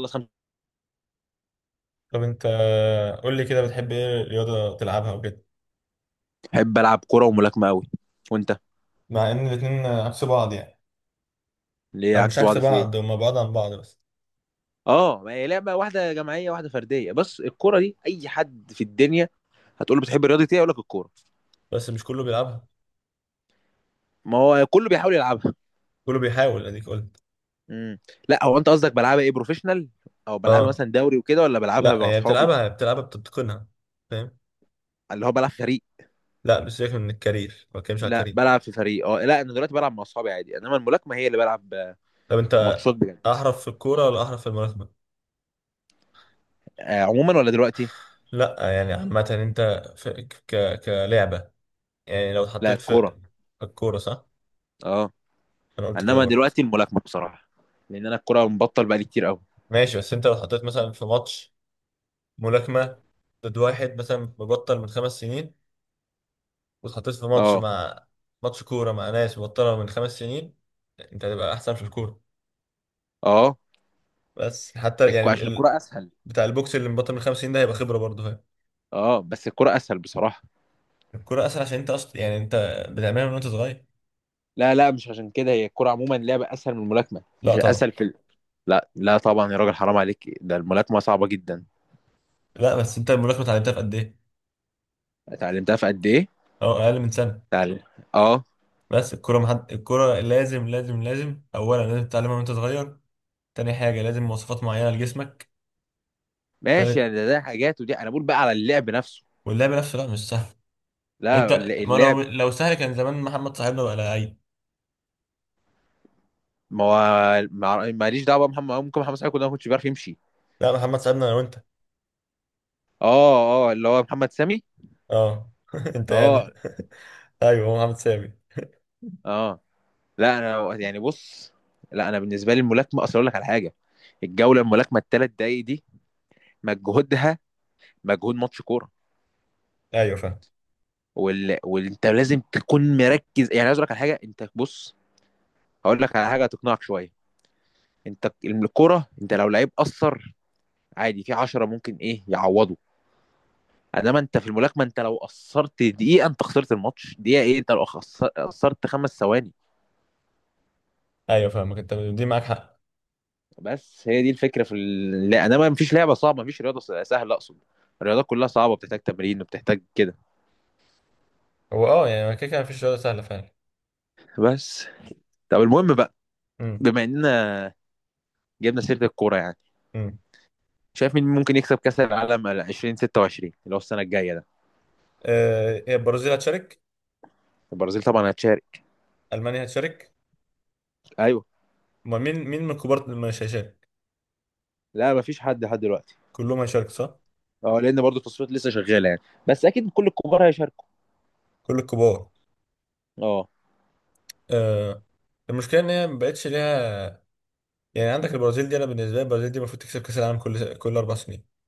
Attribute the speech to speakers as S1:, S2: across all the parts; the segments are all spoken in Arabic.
S1: الله 5.
S2: طب انت، قول لي كده، بتحب ايه رياضة تلعبها وكده؟
S1: بحب العب كوره وملاكمه قوي. وانت؟
S2: مع ان الاتنين عكس بعض يعني.
S1: ليه
S2: او مش
S1: عكس
S2: عكس
S1: بعض، في ايه؟
S2: بعض، هما بعض عن بعض بس.
S1: اه، ما هي لعبه واحده جماعيه واحده فرديه، بس الكوره دي اي حد في الدنيا هتقول له بتحب رياضه ايه يقول لك الكوره.
S2: بس مش كله بيلعبها.
S1: ما هو كله بيحاول يلعبها.
S2: كله بيحاول، اديك قلت.
S1: امم لا، هو انت قصدك بلعبها ايه، بروفيشنال او بلعبها
S2: اه.
S1: مثلا دوري وكده، ولا بلعبها
S2: لا
S1: مع
S2: يعني
S1: اصحابي؟
S2: بتلعبها بتتقنها، فاهم؟
S1: اللي هو بلعب في فريق؟
S2: لا مش... سيبك من الكارير، ما بتكلمش على
S1: لا
S2: الكارير.
S1: بلعب في فريق. اه، لا انا دلوقتي بلعب مع اصحابي عادي، انما الملاكمه هي اللي بلعب
S2: طب انت،
S1: ماتشات بجد.
S2: احرف في الكورة ولا احرف في الملاكمة؟
S1: عموما ولا دلوقتي؟
S2: لا يعني، عامة انت، في ك... كلعبة، يعني لو
S1: لا،
S2: اتحطيت في
S1: الكوره.
S2: الكورة، صح.
S1: اه.
S2: انا قلت كده
S1: انما
S2: برضه.
S1: دلوقتي الملاكمه بصراحه، لان انا الكوره مبطل بقالي كتير قوي.
S2: ماشي، بس انت لو اتحطيت مثلا في ماتش ملاكمة ضد واحد مثلا مبطل من خمس سنين، واتحطيت في
S1: اه.
S2: ماتش كورة مع ناس مبطلة من خمس سنين، انت هتبقى أحسن في الكورة.
S1: اه.
S2: بس حتى يعني
S1: عشان
S2: ال...
S1: الكرة اسهل.
S2: بتاع البوكس اللي مبطل من خمس سنين ده هيبقى خبرة برضه هي.
S1: اه بس الكرة اسهل بصراحة.
S2: الكورة أسهل، عشان أنت أصلا، يعني أنت بتعملها من وأنت صغير.
S1: لا لا، مش عشان كده، هي الكرة عموما لعبة اسهل من الملاكمة،
S2: لا
S1: مش
S2: طبعا.
S1: الاسهل في لا لا طبعا يا راجل، حرام عليك، ده الملاكمة صعبة جدا.
S2: لا، بس أنت الملاكمة اتعلمتها في قد إيه؟
S1: اتعلمتها في قد ايه؟
S2: أه، أقل من سنة.
S1: اتعلم. اه.
S2: بس الكورة محد... الكورة لازم لازم، أولا لازم تتعلمها وأنت صغير، تاني حاجة لازم مواصفات معينة لجسمك،
S1: ماشي
S2: تالت
S1: يعني ده، حاجات، ودي انا بقول بقى على اللعب نفسه.
S2: واللعب نفسه لا مش سهل.
S1: لا
S2: انت ما
S1: اللعب.
S2: لو سهل، كان زمان محمد صاحبنا بقى لعيب.
S1: ما هو. ماليش دعوة بقى محمد، ممكن محمد صلاح يكون ده ما كنتش بيعرف يمشي.
S2: لا، محمد سعدنا انا وانت.
S1: اه، اه، اللي هو محمد سامي.
S2: اه، انت
S1: اه.
S2: يعني. ايوه، هو محمد سامي.
S1: اه، لا انا يعني بص. لا انا بالنسبة لي الملاكمة، اصل اقول لك على حاجة: الجولة الملاكمة الـ3 دقايق دي مجهودها مجهود ماتش كوره.
S2: ايوه فاهم.
S1: وانت لازم تكون مركز. يعني عايز اقول لك على حاجه، انت بص، هقول لك على حاجه هتقنعك شويه. انت الكوره، انت لو لعيب قصر عادي، في 10 ممكن ايه يعوضوا. انما انت في الملاكمه، انت لو قصرت دقيقه انت خسرت الماتش، دقيقه ايه، انت لو قصرت 5 ثواني.
S2: ايوه فاهمك، انت دي معاك حق.
S1: بس هي دي الفكره في لا، انما مفيش لعبه صعبه، مفيش رياضه سهله اقصد. الرياضات كلها صعبه، بتحتاج تمرين وبتحتاج كده.
S2: هو اه، يعني كده كده مفيش رياضه سهله فعلا.
S1: بس. طب المهم بقى،
S2: امم.
S1: بما اننا جبنا سيره الكوره يعني،
S2: امم.
S1: شايف مين ممكن يكسب كاس العالم 2026 اللي هو السنه الجايه ده؟
S2: هي البرازيل هتشارك،
S1: البرازيل طبعا هتشارك.
S2: المانيا هتشارك.
S1: ايوه.
S2: ما مين مين من الكبار اللي مش هيشارك؟
S1: لا مفيش حد لحد دلوقتي.
S2: كلهم هيشارك، صح؟
S1: اه، لان برضه التصفيات لسه شغاله يعني، بس اكيد كل الكبار هيشاركوا.
S2: كل الكبار.
S1: اه.
S2: آه، المشكله ان هي ما بقتش ليها. يعني عندك البرازيل دي، انا بالنسبه لي البرازيل دي المفروض تكسب كاس العالم كل اربع سنين.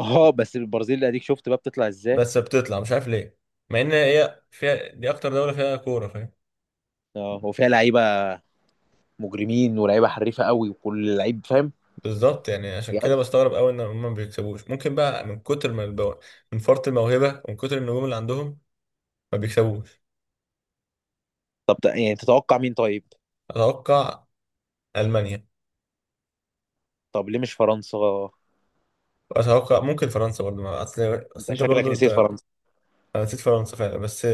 S1: اه، بس البرازيل اديك شفت بقى بتطلع ازاي.
S2: بس بتطلع مش عارف ليه، مع ان هي فيها دي اكتر دولة فيها كورة، فاهم.
S1: اه، وفيها لعيبه مجرمين، ولاعيبه حريفه قوي، وكل لعيب فاهم.
S2: بالظبط، يعني عشان
S1: يعني
S2: كده
S1: أنت-
S2: بستغرب قوي ان هم ما بيكسبوش. ممكن بقى من كتر ما البو... من فرط الموهبة ومن كتر النجوم اللي عندهم ما بيكسبوش.
S1: طب يعني تتوقع مين طيب؟
S2: اتوقع المانيا،
S1: طب ليه مش فرنسا؟
S2: واتوقع ممكن فرنسا برضه. ما اصل، اصل
S1: انت
S2: انت
S1: شكلك
S2: برضه
S1: نسيت
S2: انت،
S1: فرنسا.
S2: انا نسيت فرنسا فعلا، بس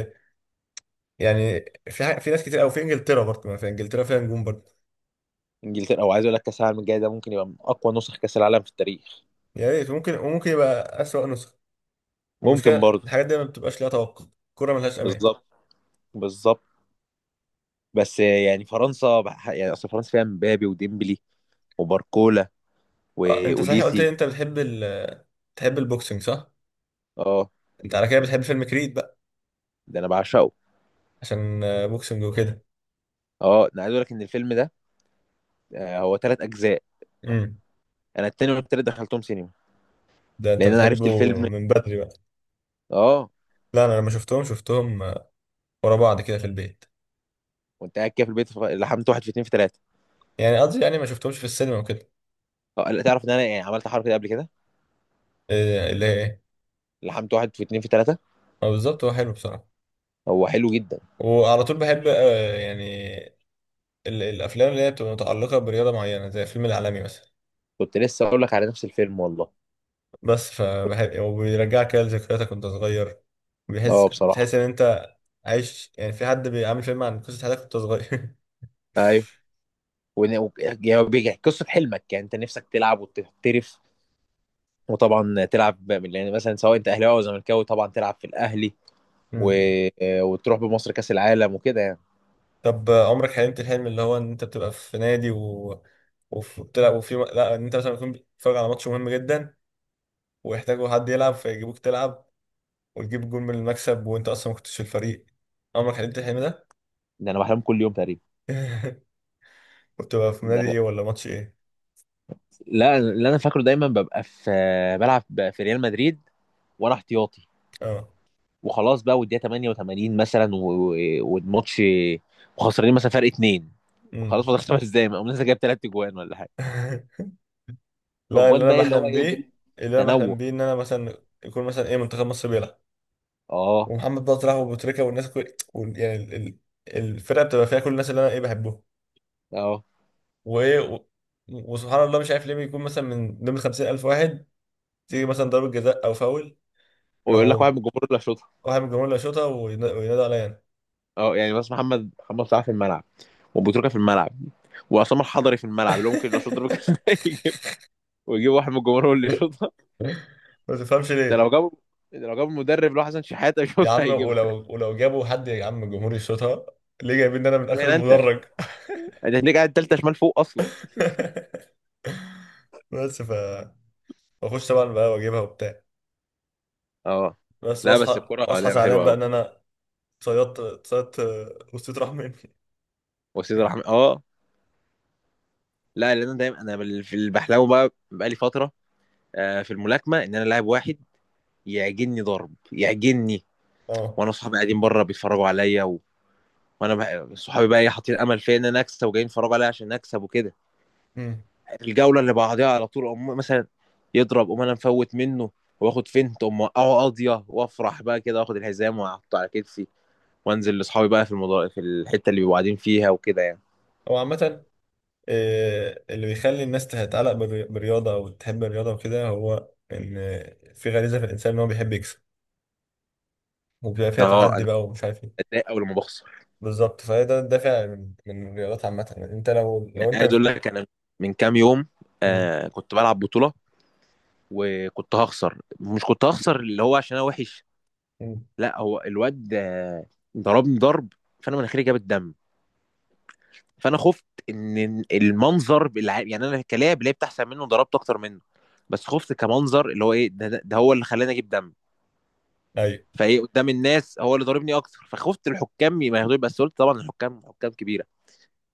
S2: يعني في حاجة... في ناس كتير قوي في انجلترا برضه، ما في انجلترا فيها نجوم برضه.
S1: انجلترا، او عايز اقول لك كاس العالم الجاي ده ممكن يبقى من اقوى نسخ كاس العالم في التاريخ.
S2: يا ريت، ممكن، وممكن يبقى اسوأ نسخة. المشكلة
S1: ممكن برضه.
S2: الحاجات دي ما بتبقاش ليها توقع، الكورة ملهاش امان.
S1: بالظبط. بالظبط. بس يعني فرنسا يعني اصل فرنسا فيها مبابي وديمبلي وباركولا
S2: اه انت صحيح، قلت
S1: واوليسي.
S2: لي انت بتحب ال... بتحب البوكسنج، صح؟
S1: اه.
S2: انت على كده بتحب فيلم كريد بقى،
S1: ده انا بعشقه.
S2: عشان بوكسنج وكده.
S1: اه انا عايز اقول لك ان الفيلم ده هو 3 اجزاء.
S2: امم.
S1: انا التاني والتالت دخلتهم سينما،
S2: ده انت
S1: لان انا عرفت
S2: بتحبه
S1: الفيلم.
S2: من بدري بقى.
S1: اه.
S2: لا انا لما شفتهم، شفتهم ورا بعض كده في البيت.
S1: وانت قاعد كده في البيت، لحمت واحد في اتنين في تلاته.
S2: يعني قصدي، يعني ما شفتهمش في السينما وكده.
S1: اه لا، تعرف ان انا يعني عملت حركه دي قبل كده؟
S2: إيه اللي هي ايه؟
S1: لحمت واحد في اتنين في تلاته.
S2: اه بالظبط، هو حلو بصراحة.
S1: هو حلو جدا.
S2: وعلى طول بحب، يعني ال- الافلام اللي هي بتبقى متعلقة برياضة معينة، زي الفيلم العالمي مثلا.
S1: كنت لسه اقول لك على نفس الفيلم والله.
S2: بس فبحب، وبيرجعك كده لذكرياتك وانت صغير، بيحس
S1: اه بصراحه.
S2: بتحس ان انت عايش، يعني في حد بيعمل فيلم عن قصة حياتك وانت صغير.
S1: ايوه. يعني هو بيحكي قصه حلمك، يعني انت نفسك تلعب وتحترف، وطبعا تلعب يعني مثلا سواء انت اهلاوي او زملكاوي طبعا تلعب في الاهلي و...
S2: مم.
S1: وتروح بمصر كاس العالم وكده يعني.
S2: طب عمرك حلمت الحلم اللي هو ان انت بتبقى في نادي و... وف- وبتلعب، وفي، لا ان انت مثلا بتكون بتتفرج على ماتش مهم جدا ويحتاجوا حد يلعب فيجيبوك تلعب وتجيب جول من المكسب وانت اصلا ما كنتش في الفريق، عمرك حلمت الحلم ده؟
S1: ده انا بحلم كل يوم تقريبا.
S2: وبتبقى في نادي
S1: ده
S2: ايه ولا ماتش ايه؟
S1: لا، اللي انا فاكره دايما ببقى في، بلعب في ريال مدريد وانا احتياطي،
S2: اه.
S1: وخلاص بقى والدقيقه 88 مثلا والماتش وخسرانين مثلا فرق اتنين. خلاص
S2: امم.
S1: فاضل 5 دقايق، اقوم لسه جايب 3 اجوان ولا حاجه.
S2: لا اللي
S1: الاجوان
S2: انا
S1: بقى اللي هو
S2: بحلم
S1: ايه.
S2: بيه، اللي انا بحلم
S1: تنوع.
S2: بيه ان انا مثلا يكون مثلا ايه، منتخب مصر بيلعب
S1: اه.
S2: ومحمد بقى طلع وابو تريكه والناس كل، وال- يعني ال- ال- الفرقه بتبقى فيها كل الناس اللي انا ايه بحبهم،
S1: اه،
S2: وايه و- وسبحان الله مش عارف ليه بيكون مثلا من ضمن 50000 واحد، تيجي مثلا ضربه جزاء او فاول،
S1: ويقول لك
S2: يروحوا
S1: واحد من الجمهور اللي شاطها.
S2: واحد من الجمهور اللي يشوطها، وين- وينادوا عليا
S1: اه يعني بس محمد، محمد صلاح في الملعب، وبوتروكا في الملعب، وعصام الحضري في الملعب، اللي هو ممكن لو شاط ضربه جزاء يجيب، ويجيب واحد من الجمهور هو اللي
S2: انا.
S1: يشوطها.
S2: ما تفهمش
S1: ده
S2: ليه،
S1: لو جابوا، ده لو جابوا المدرب اللي هو حسن شحاته
S2: يا
S1: يشوطها
S2: عم
S1: هيجيبها.
S2: ولو جابوا حد يا عم الجمهور يشوطها، ليه جايبين إن انا من اخر
S1: اشمعنى انت؟
S2: المدرج؟
S1: انت هتلاقيك قاعد تالتة شمال فوق اصلا.
S2: بس ف، واخش بقى واجيبها وبتاع.
S1: اه.
S2: بس
S1: لا بس
S2: واصحى،
S1: الكرة
S2: واصحى
S1: لعبة
S2: زعلان
S1: حلوة
S2: بقى ان
S1: قوي.
S2: انا صيدت، صيدت، وسطيت راح مني.
S1: وسيد رحمة، اه. لا لان انا دايما انا في اللي بحلمه بقى بقالي فترة في الملاكمة، ان انا لاعب واحد يعجني ضرب يعجني،
S2: اه.
S1: وانا صحابي قاعدين بره بيتفرجوا عليا، وانا صحابي بقى ايه حاطين امل فيا ان انا اكسب، وجايين يتفرجوا عليا عشان اكسب وكده.
S2: امم.
S1: الجوله اللي بعديها على طول أم مثلا يضرب أم انا مفوت منه، واخد فنت أم اوقعه قاضيه، وافرح بقى كده واخد الحزام واحطه على كتفي، وانزل لاصحابي بقى في في الحته اللي بيبقوا قاعدين فيها وكده يعني.
S2: هو عامة، اللي بيخلي الناس تتعلق بالري- بالرياضة أو تحب الرياضة وكده، هو إن في غريزة في الإنسان إن هو بيحب يكسب، وبيبقى فيها
S1: اه
S2: تحدي
S1: انا
S2: بقى، ومش عارف إيه.
S1: بتضايق اول ما بخسر.
S2: بالظبط، فهي ده الدافع من الرياضات عامة. يعني أنت لو
S1: يعني
S2: أنت...
S1: عايز اقول لك، انا من كام يوم
S2: مم.
S1: كنت بلعب بطوله، وكنت هخسر، مش كنت هخسر اللي هو عشان انا وحش،
S2: مم.
S1: لا هو الواد ضربني ضرب فانا مناخيري جابت دم، فانا خفت ان المنظر يعني انا كلاعب لعبت احسن منه وضربت اكتر منه، بس خفت كمنظر اللي هو ايه ده، ده هو اللي خلاني اجيب دم،
S2: أيوه.
S1: فايه قدام الناس هو اللي ضاربني اكتر، فخفت الحكام ما ياخدوش، بس قلت طبعا الحكام حكام كبيره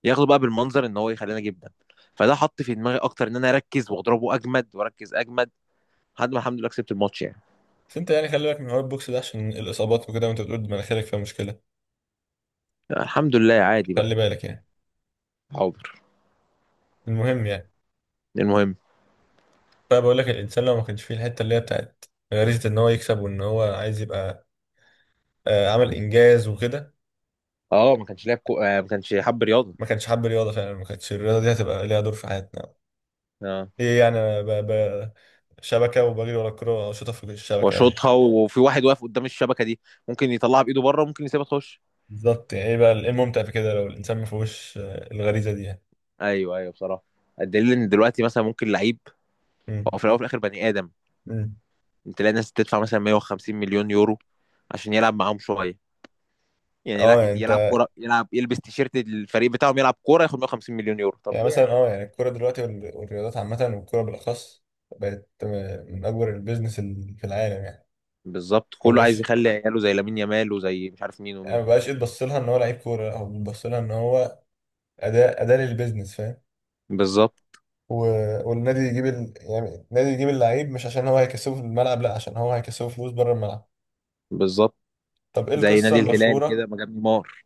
S1: ياخدوا بقى بالمنظر ان هو يخليني اجيب دم. فده حط في دماغي اكتر ان انا اركز واضربه اجمد واركز اجمد لحد ما الحمد لله كسبت الماتش يعني.
S2: بس أنت يعني خلي بالك من حوار البوكس ده عشان الإصابات وكده، وأنت بتقول مناخيرك فيها مشكلة،
S1: الحمد لله عادي
S2: خلي
S1: بقى.
S2: بالك يعني.
S1: حاضر.
S2: المهم يعني.
S1: المهم.
S2: طيب بقول لك، الانسان لو ما كانش فيه الحته اللي هي بتاعت غريزه ان هو يكسب وان هو عايز يبقى عمل انجاز وكده،
S1: اه ما كانش لاعب كو... آه ما كانش حب رياضه.
S2: ما كانش حب رياضه فعلا، ما كانتش الرياضه دي هتبقى ليها دور في حياتنا.
S1: اه.
S2: ايه يعني، أنا ب... ب... شبكه وبجري ورا الكوره واشوطها في الشبكه يعني.
S1: واشوطها، وفي واحد واقف قدام الشبكه دي ممكن يطلعها بايده بره، ممكن يسيبها تخش.
S2: بالظبط، يعني ايه بقى ايه الممتع في كده لو الانسان ما فيهوش الغريزه دي يعني.
S1: ايوه، ايوه بصراحه. الدليل ان دلوقتي مثلا ممكن لعيب،
S2: امم.
S1: هو في الاول وفي الاخر بني ادم،
S2: امم.
S1: تلاقي الناس تدفع مثلا 150 مليون يورو عشان يلعب معاهم شويه. يعني لا
S2: اه يعني
S1: يلعب
S2: انت،
S1: كوره، يلعب يلبس تيشيرت الفريق بتاعهم، يلعب كوره ياخد 150 مليون يورو، طب
S2: يعني
S1: ليه
S2: مثلا
S1: يعني؟
S2: اه، يعني الكوره دلوقتي وال- والرياضات عامه والكوره بالاخص بقت من اكبر البيزنس ال- في العالم يعني.
S1: بالظبط،
S2: ما
S1: كله
S2: بقاش،
S1: عايز يخلي عياله زي لامين يامال وزي مش عارف مين
S2: يعني
S1: ومين.
S2: ما بقاش يتبص لها ان هو لعيب كوره، لا، هو بيتبص لها ان هو اداه للبيزنس، فاهم.
S1: بالظبط.
S2: و... والنادي يجيب ال... يعني النادي يجيب اللعيب مش عشان هو هيكسبه في الملعب، لا عشان هو هيكسبه فلوس بره الملعب.
S1: بالظبط.
S2: طب ايه
S1: زي
S2: القصه
S1: نادي الهلال كده
S2: المشهوره،
S1: ما جاب نيمار.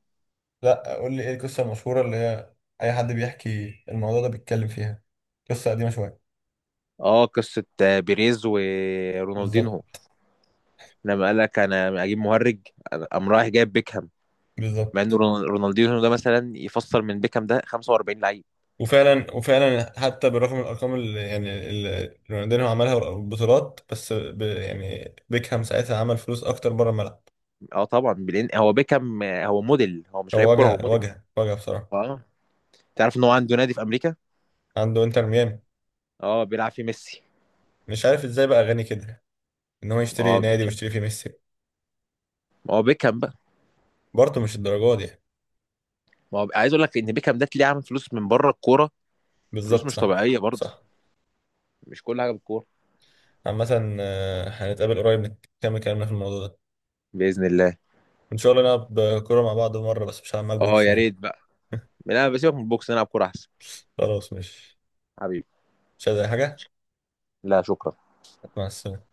S2: لا قول لي ايه القصه المشهوره اللي هي اي حد بيحكي الموضوع ده بيتكلم فيها، قصه قديمه شويه.
S1: اه قصه بيريز ورونالدينهو،
S2: بالظبط.
S1: لما قال لك انا اجيب مهرج، أنا- قام رايح جايب بيكهام. مع ان
S2: بالظبط.
S1: رونالدينho ده مثلا يفسر من بيكهام ده 45 لعيب.
S2: وفعلا، حتى بالرغم من الارقام اللي يعني اللي رونالدينيو عملها والبطولات، بس ب... يعني بيكهام ساعتها عمل فلوس اكتر بره الملعب.
S1: اه طبعا، بلين هو بيكهام هو موديل، هو مش لعيب
S2: هو
S1: كوره، هو
S2: واجهة
S1: موديل.
S2: واجهة واجهة بصراحة.
S1: اه. تعرف ان هو عنده نادي في امريكا؟
S2: عنده انتر ميامي.
S1: اه بيلعب فيه ميسي.
S2: مش عارف ازاي بقى غني كده ان هو يشتري
S1: اه.
S2: نادي ويشتري فيه ميسي.
S1: ما هو بيكهام بقى.
S2: برضه مش الدرجة دي يعني.
S1: ما هو عايز اقول لك ان بيكهام ده تلاقيه عامل فلوس من بره الكوره، فلوس
S2: بالظبط،
S1: مش
S2: صح.
S1: طبيعيه برضه.
S2: صح.
S1: مش كل حاجه بالكوره.
S2: عامة، هنتقابل قريب، نكمل كلامنا في الموضوع ده
S1: باذن الله.
S2: ان شاء الله، نلعب كورة مع بعض مرة، بس مش هلعب معاك
S1: اه
S2: بوكس
S1: يا ريت
S2: يعني.
S1: بقى. لا بسيبك من البوكس نلعب كوره احسن.
S2: خلاص، مش،
S1: حبيبي.
S2: مش عايز اي حاجة.
S1: لا شكرا.
S2: مع السلامة.